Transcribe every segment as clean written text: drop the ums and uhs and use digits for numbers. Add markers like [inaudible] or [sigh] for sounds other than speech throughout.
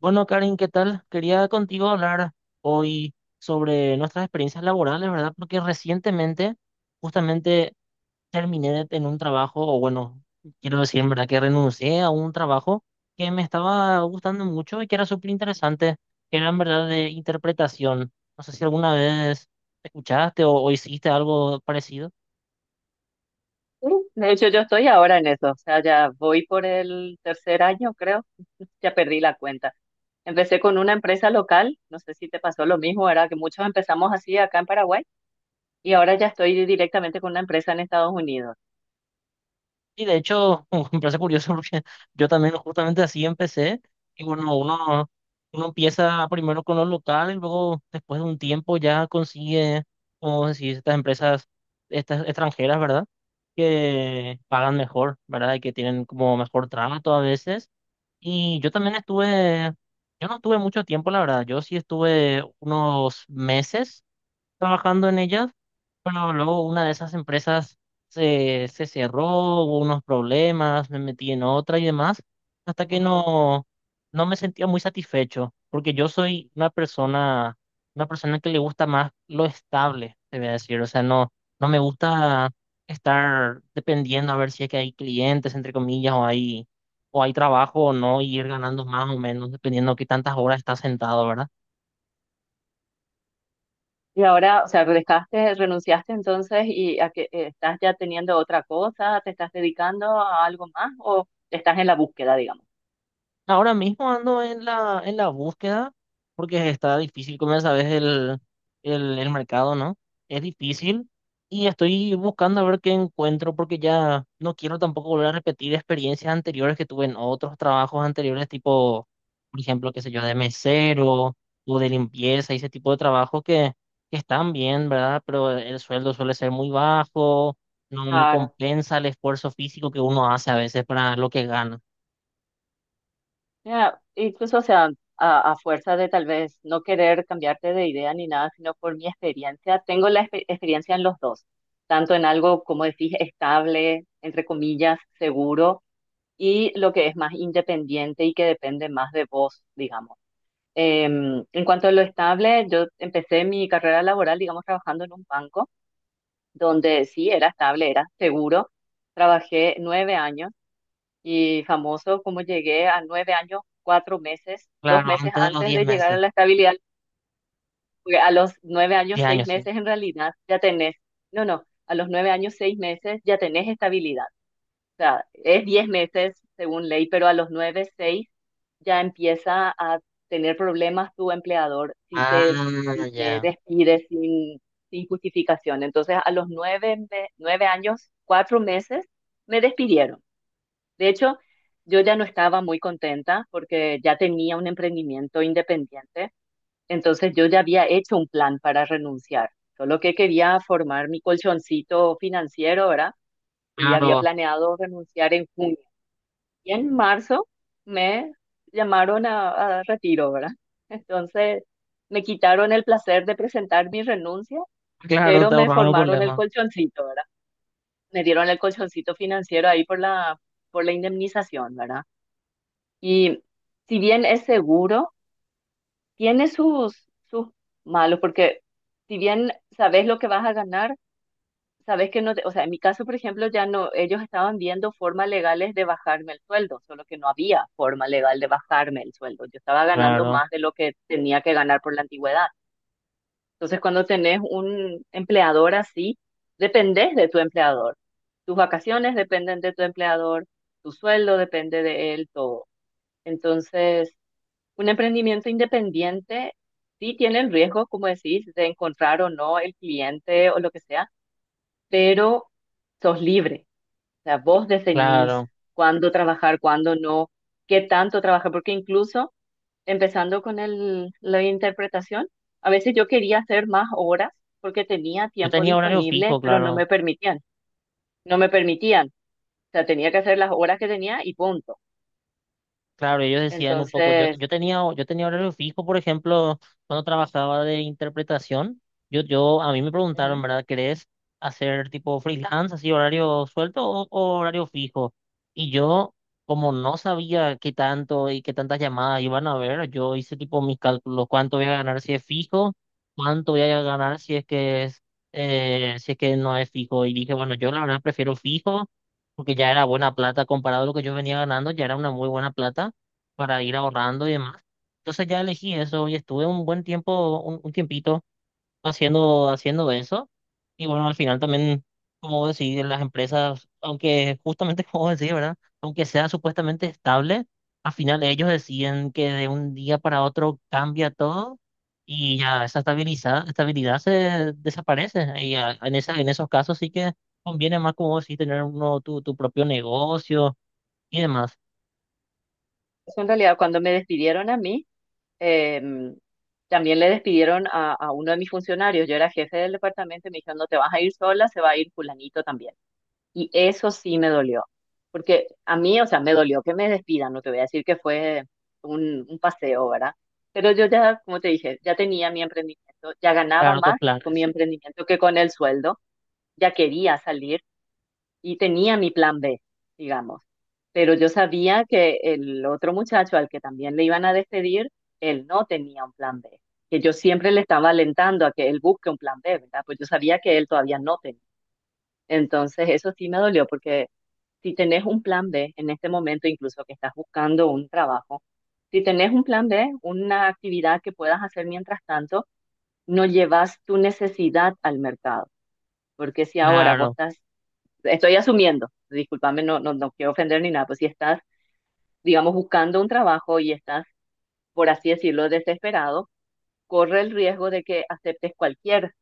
Bueno, Karin, ¿qué tal? Quería contigo hablar hoy sobre nuestras experiencias laborales, ¿verdad? Porque recientemente justamente terminé en un trabajo, o bueno, quiero decir, en verdad, que renuncié a un trabajo que me estaba gustando mucho y que era súper interesante, que era en verdad de interpretación. No sé si alguna vez escuchaste o hiciste algo parecido. Sí, de hecho, yo estoy ahora en eso, o sea, ya voy por el tercer año, creo, [laughs] ya perdí la cuenta. Empecé con una empresa local, no sé si te pasó lo mismo, ¿verdad? Que muchos empezamos así acá en Paraguay y ahora ya estoy directamente con una empresa en Estados Unidos. Y de hecho, [laughs] me parece curioso porque yo también justamente así empecé. Y bueno, uno empieza primero con lo local y luego después de un tiempo ya consigue, como decir, estas empresas estas extranjeras, ¿verdad? Que pagan mejor, ¿verdad? Y que tienen como mejor trato a veces. Y yo también estuve, yo no estuve mucho tiempo, la verdad. Yo sí estuve unos meses trabajando en ellas, pero luego una de esas empresas se cerró, hubo unos problemas, me metí en otra y demás, hasta que Ah, no, no me sentía muy satisfecho, porque yo soy una persona que le gusta más lo estable, te voy a decir, o sea, no, no me gusta estar dependiendo a ver si es que hay clientes, entre comillas, o hay, trabajo o no, y ir ganando más o menos, dependiendo de qué tantas horas estás sentado, ¿verdad? y ahora, o sea, dejaste, renunciaste entonces y a que estás ya teniendo otra cosa, te estás dedicando a algo más o estás en la búsqueda, digamos. Ahora mismo ando en la, búsqueda porque está difícil, como ya sabes, el mercado, ¿no? Es difícil y estoy buscando a ver qué encuentro porque ya no quiero tampoco volver a repetir experiencias anteriores que tuve en otros trabajos anteriores, tipo, por ejemplo, qué sé yo, de mesero o de limpieza y ese tipo de trabajos que están bien, ¿verdad? Pero el sueldo suele ser muy bajo, no, no Claro. compensa el esfuerzo físico que uno hace a veces para lo que gana. Ya, incluso, o sea, a fuerza de tal vez no querer cambiarte de idea ni nada, sino por mi experiencia, tengo la experiencia en los dos, tanto en algo, como decís, estable, entre comillas, seguro, y lo que es más independiente y que depende más de vos, digamos. En cuanto a lo estable, yo empecé mi carrera laboral, digamos, trabajando en un banco, donde sí era estable, era seguro. Trabajé 9 años y famoso como llegué a 9 años, 4 meses, dos Claro, meses antes de los antes diez de llegar a meses, la estabilidad, porque a los 9 años, 10 seis años, sí. meses en realidad ya tenés, no, no, a los 9 años, 6 meses ya tenés estabilidad. O sea, es 10 meses según ley, pero a los nueve, seis ya empieza a tener problemas tu empleador si te, Ah, si te ya. despide sin justificación. Entonces, a los nueve, 9 años, 4 meses, me despidieron. De hecho, yo ya no estaba muy contenta porque ya tenía un emprendimiento independiente, entonces yo ya había hecho un plan para renunciar, solo que quería formar mi colchoncito financiero, ¿verdad? Y había Claro, planeado renunciar en junio. Y en marzo me llamaron a retiro, ¿verdad? Entonces me quitaron el placer de presentar mi renuncia, claro, pero te me ahorraron un formaron el problema. colchoncito, ¿verdad? Me dieron el colchoncito financiero ahí por la indemnización, ¿verdad? Y si bien es seguro, tiene sus malos, porque si bien sabes lo que vas a ganar, sabes que no, o sea, en mi caso, por ejemplo, ya no, ellos estaban viendo formas legales de bajarme el sueldo, solo que no había forma legal de bajarme el sueldo. Yo estaba ganando Claro, más de lo que tenía que ganar por la antigüedad. Entonces, cuando tenés un empleador así, dependés de tu empleador. Tus vacaciones dependen de tu empleador, tu sueldo depende de él, todo. Entonces, un emprendimiento independiente sí tiene el riesgo, como decís, de encontrar o no el cliente o lo que sea, pero sos libre. O sea, vos definís claro. cuándo trabajar, cuándo no, qué tanto trabajar, porque incluso empezando con el, la interpretación, a veces yo quería hacer más horas porque tenía Yo tiempo tenía horario disponible, fijo, pero no claro. me permitían, no me permitían. O sea, tenía que hacer las horas que tenía y punto. Claro, ellos decían un poco, yo, Entonces, yo tenía horario fijo, por ejemplo, cuando trabajaba de interpretación, a mí me preguntaron, ujú. ¿verdad? ¿Querés hacer tipo freelance, así horario suelto o horario fijo? Y yo, como no sabía qué tanto y qué tantas llamadas iban a haber, yo hice tipo mis cálculos, cuánto voy a ganar si es fijo, cuánto voy a ganar si es que es, si es que no es fijo. Y dije, bueno, yo la verdad prefiero fijo porque ya era buena plata comparado a lo que yo venía ganando, ya era una muy buena plata para ir ahorrando y demás. Entonces ya elegí eso y estuve un buen tiempo, un tiempito haciendo eso. Y bueno, al final también, como decir, las empresas, aunque justamente [laughs] como decir, ¿verdad? Aunque sea supuestamente estable, al final ellos deciden que de un día para otro cambia todo y ya esa estabilidad se desaparece. Y ya en esos casos sí que conviene más, como decir, tener uno tu, propio negocio y demás, Eso en realidad cuando me despidieron a mí, Em, también le despidieron a uno de mis funcionarios, yo era jefe del departamento, y me dijeron, no te vas a ir sola, se va a ir fulanito también. Y eso sí me dolió, porque a mí, o sea, me dolió que me despidan, no te voy a decir que fue un paseo, ¿verdad? Pero yo ya, como te dije, ya tenía mi emprendimiento, ya ganaba claro, tus más con mi planes. emprendimiento que con el sueldo, ya quería salir y tenía mi plan B, digamos. Pero yo sabía que el otro muchacho al que también le iban a despedir, él no tenía un plan B, que yo siempre le estaba alentando a que él busque un plan B, ¿verdad? Pues yo sabía que él todavía no tenía. Entonces eso sí me dolió porque si tenés un plan B en este momento, incluso que estás buscando un trabajo, si tenés un plan B, una actividad que puedas hacer mientras tanto, no llevas tu necesidad al mercado. Porque si ahora vos Claro. estás estoy asumiendo, discúlpame, no, no, no quiero ofender ni nada, pues si estás, digamos, buscando un trabajo y estás, por así decirlo, desesperado, corre el riesgo de que aceptes cualquier,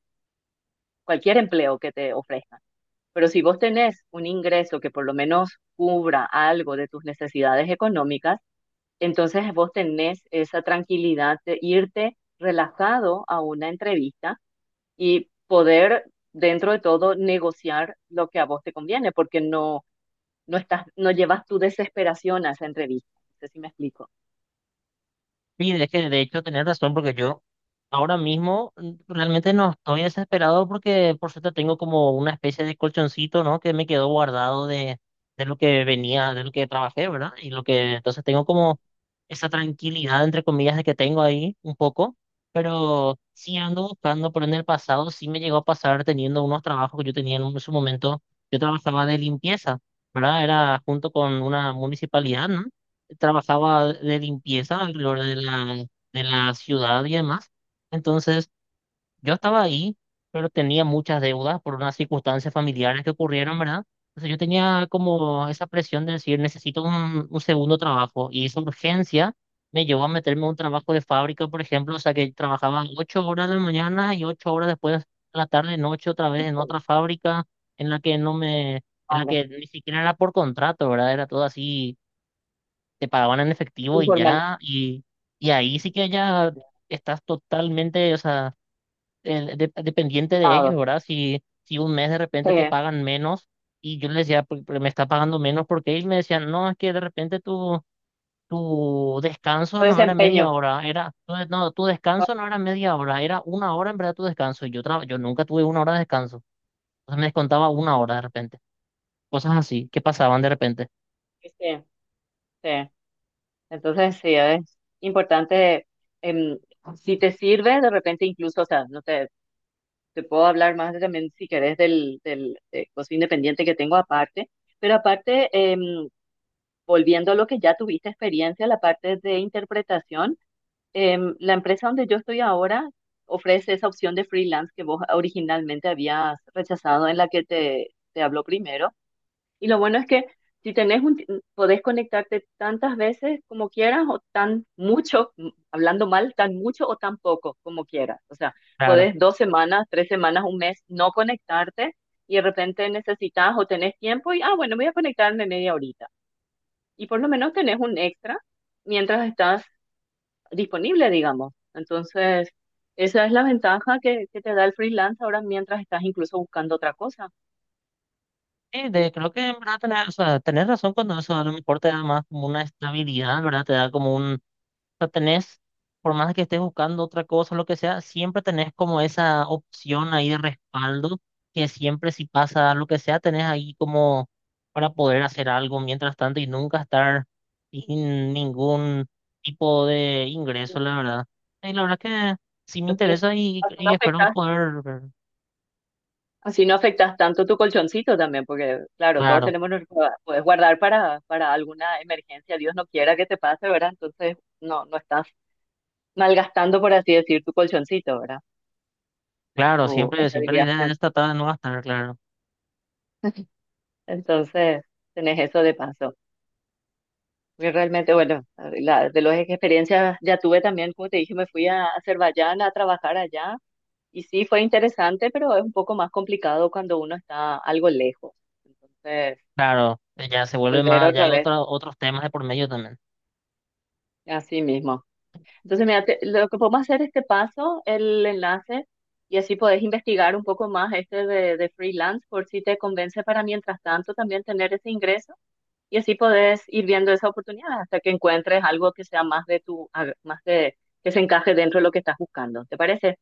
cualquier empleo que te ofrezcan. Pero si vos tenés un ingreso que por lo menos cubra algo de tus necesidades económicas, entonces vos tenés esa tranquilidad de irte relajado a una entrevista y poder, dentro de todo, negociar lo que a vos te conviene, porque no, no estás, no llevas tu desesperación a esa entrevista. No sé si me explico. Sí, de que de hecho tenés razón porque yo ahora mismo realmente no estoy desesperado porque por suerte tengo como una especie de colchoncito, ¿no? Que me quedó guardado de lo que venía, de lo que trabajé, ¿verdad? Y lo que entonces tengo como esa tranquilidad, entre comillas, de que tengo ahí un poco, pero sí ando buscando, pero en el pasado sí me llegó a pasar teniendo unos trabajos que yo tenía en su momento, yo trabajaba de limpieza, ¿verdad? Era junto con una municipalidad, ¿no? Trabajaba de limpieza alrededor de la, ciudad y demás. Entonces, yo estaba ahí, pero tenía muchas deudas por unas circunstancias familiares que ocurrieron, ¿verdad? Entonces, yo tenía como esa presión de decir, necesito un segundo trabajo. Y esa urgencia me llevó a meterme a un trabajo de fábrica, por ejemplo, o sea, que trabajaba 8 horas de la mañana y 8 horas después, a la tarde, noche, otra vez en Informal, otra fábrica en la que no me... en la que ni siquiera era por contrato, ¿verdad? Era todo así te pagaban en efectivo muy y formal. ya, y ahí sí que ya estás totalmente, o sea, dependiente de ellos, Estado. ¿verdad? Si un mes de repente te eh, pagan menos y yo les decía, "Pero me está pagando menos porque ellos me decían, no, es que de repente tu tu descanso no era media desempeño. hora, era, no, no, tu Ah, descanso no era media hora, era una hora en verdad tu descanso, y yo, yo nunca tuve una hora de descanso, entonces me descontaba una sí, hora de repente, cosas así que pasaban de repente, sí. Entonces, sí, es importante, em, si te sirve, de repente incluso, o sea, no te, te puedo hablar más de también, si querés, del costo independiente que tengo aparte, pero aparte, volviendo a lo que ya tuviste experiencia, la parte de interpretación, la empresa donde yo estoy ahora ofrece esa opción de freelance que vos originalmente habías rechazado en la que te habló primero. Y lo bueno es que si tenés un, ti- mm, podés conectarte tantas veces como quieras o tan mucho, hablando mal, tan mucho o tan poco como quieras. O sea, claro. podés 2 semanas, 3 semanas, un mes no conectarte y de repente necesitas o tenés tiempo y, ah, bueno, voy a conectarme media horita. Y por lo menos tenés un extra mientras estás disponible, digamos. Entonces, esa es la ventaja que te da el freelance ahora mientras estás incluso buscando otra cosa. Sí, creo que en verdad tenés, o sea, tenés razón cuando eso a lo mejor te da más como una estabilidad, ¿verdad? Te da como o sea, tenés, por más que estés buscando otra cosa, lo que sea, siempre tenés como esa opción ahí de respaldo, que siempre si pasa lo que sea, tenés ahí como para poder hacer algo mientras tanto y nunca estar sin ningún tipo de ingreso, la verdad. Y la verdad que sí me Así, interesa y, así no y espero afectas, poder, así no afectas tanto tu colchoncito también, porque claro, todos claro, tenemos, puedes guardar para alguna emergencia, Dios no quiera que te pase, ¿verdad? Entonces, no, no estás malgastando, por así decir, tu colchoncito, ¿verdad? claro, Tu siempre la estabilidad idea es financiera. tratar de no gastar, claro. Entonces, tenés eso de paso. Porque realmente, bueno, de las experiencias ya tuve también, como te dije, me fui a Azerbaiyán a trabajar allá y sí fue interesante, pero es un poco más complicado cuando uno está algo lejos. Entonces, Claro, ya se vuelve volver más, ya hay otra vez, otros temas de por medio también. así mismo. Entonces, mira, lo que podemos hacer es este paso, el enlace, y así podés investigar un poco más este de freelance por si te convence para mientras tanto también tener ese ingreso. Y así podés ir viendo esa oportunidad hasta que encuentres algo que sea más de tu, más de, que se encaje dentro de lo que estás buscando. ¿Te parece?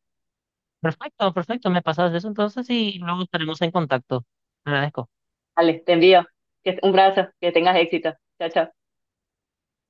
Perfecto, perfecto, me pasas eso entonces y luego estaremos en contacto. Te agradezco. Ale, te envío. Un brazo, que tengas éxito. Chao, chao.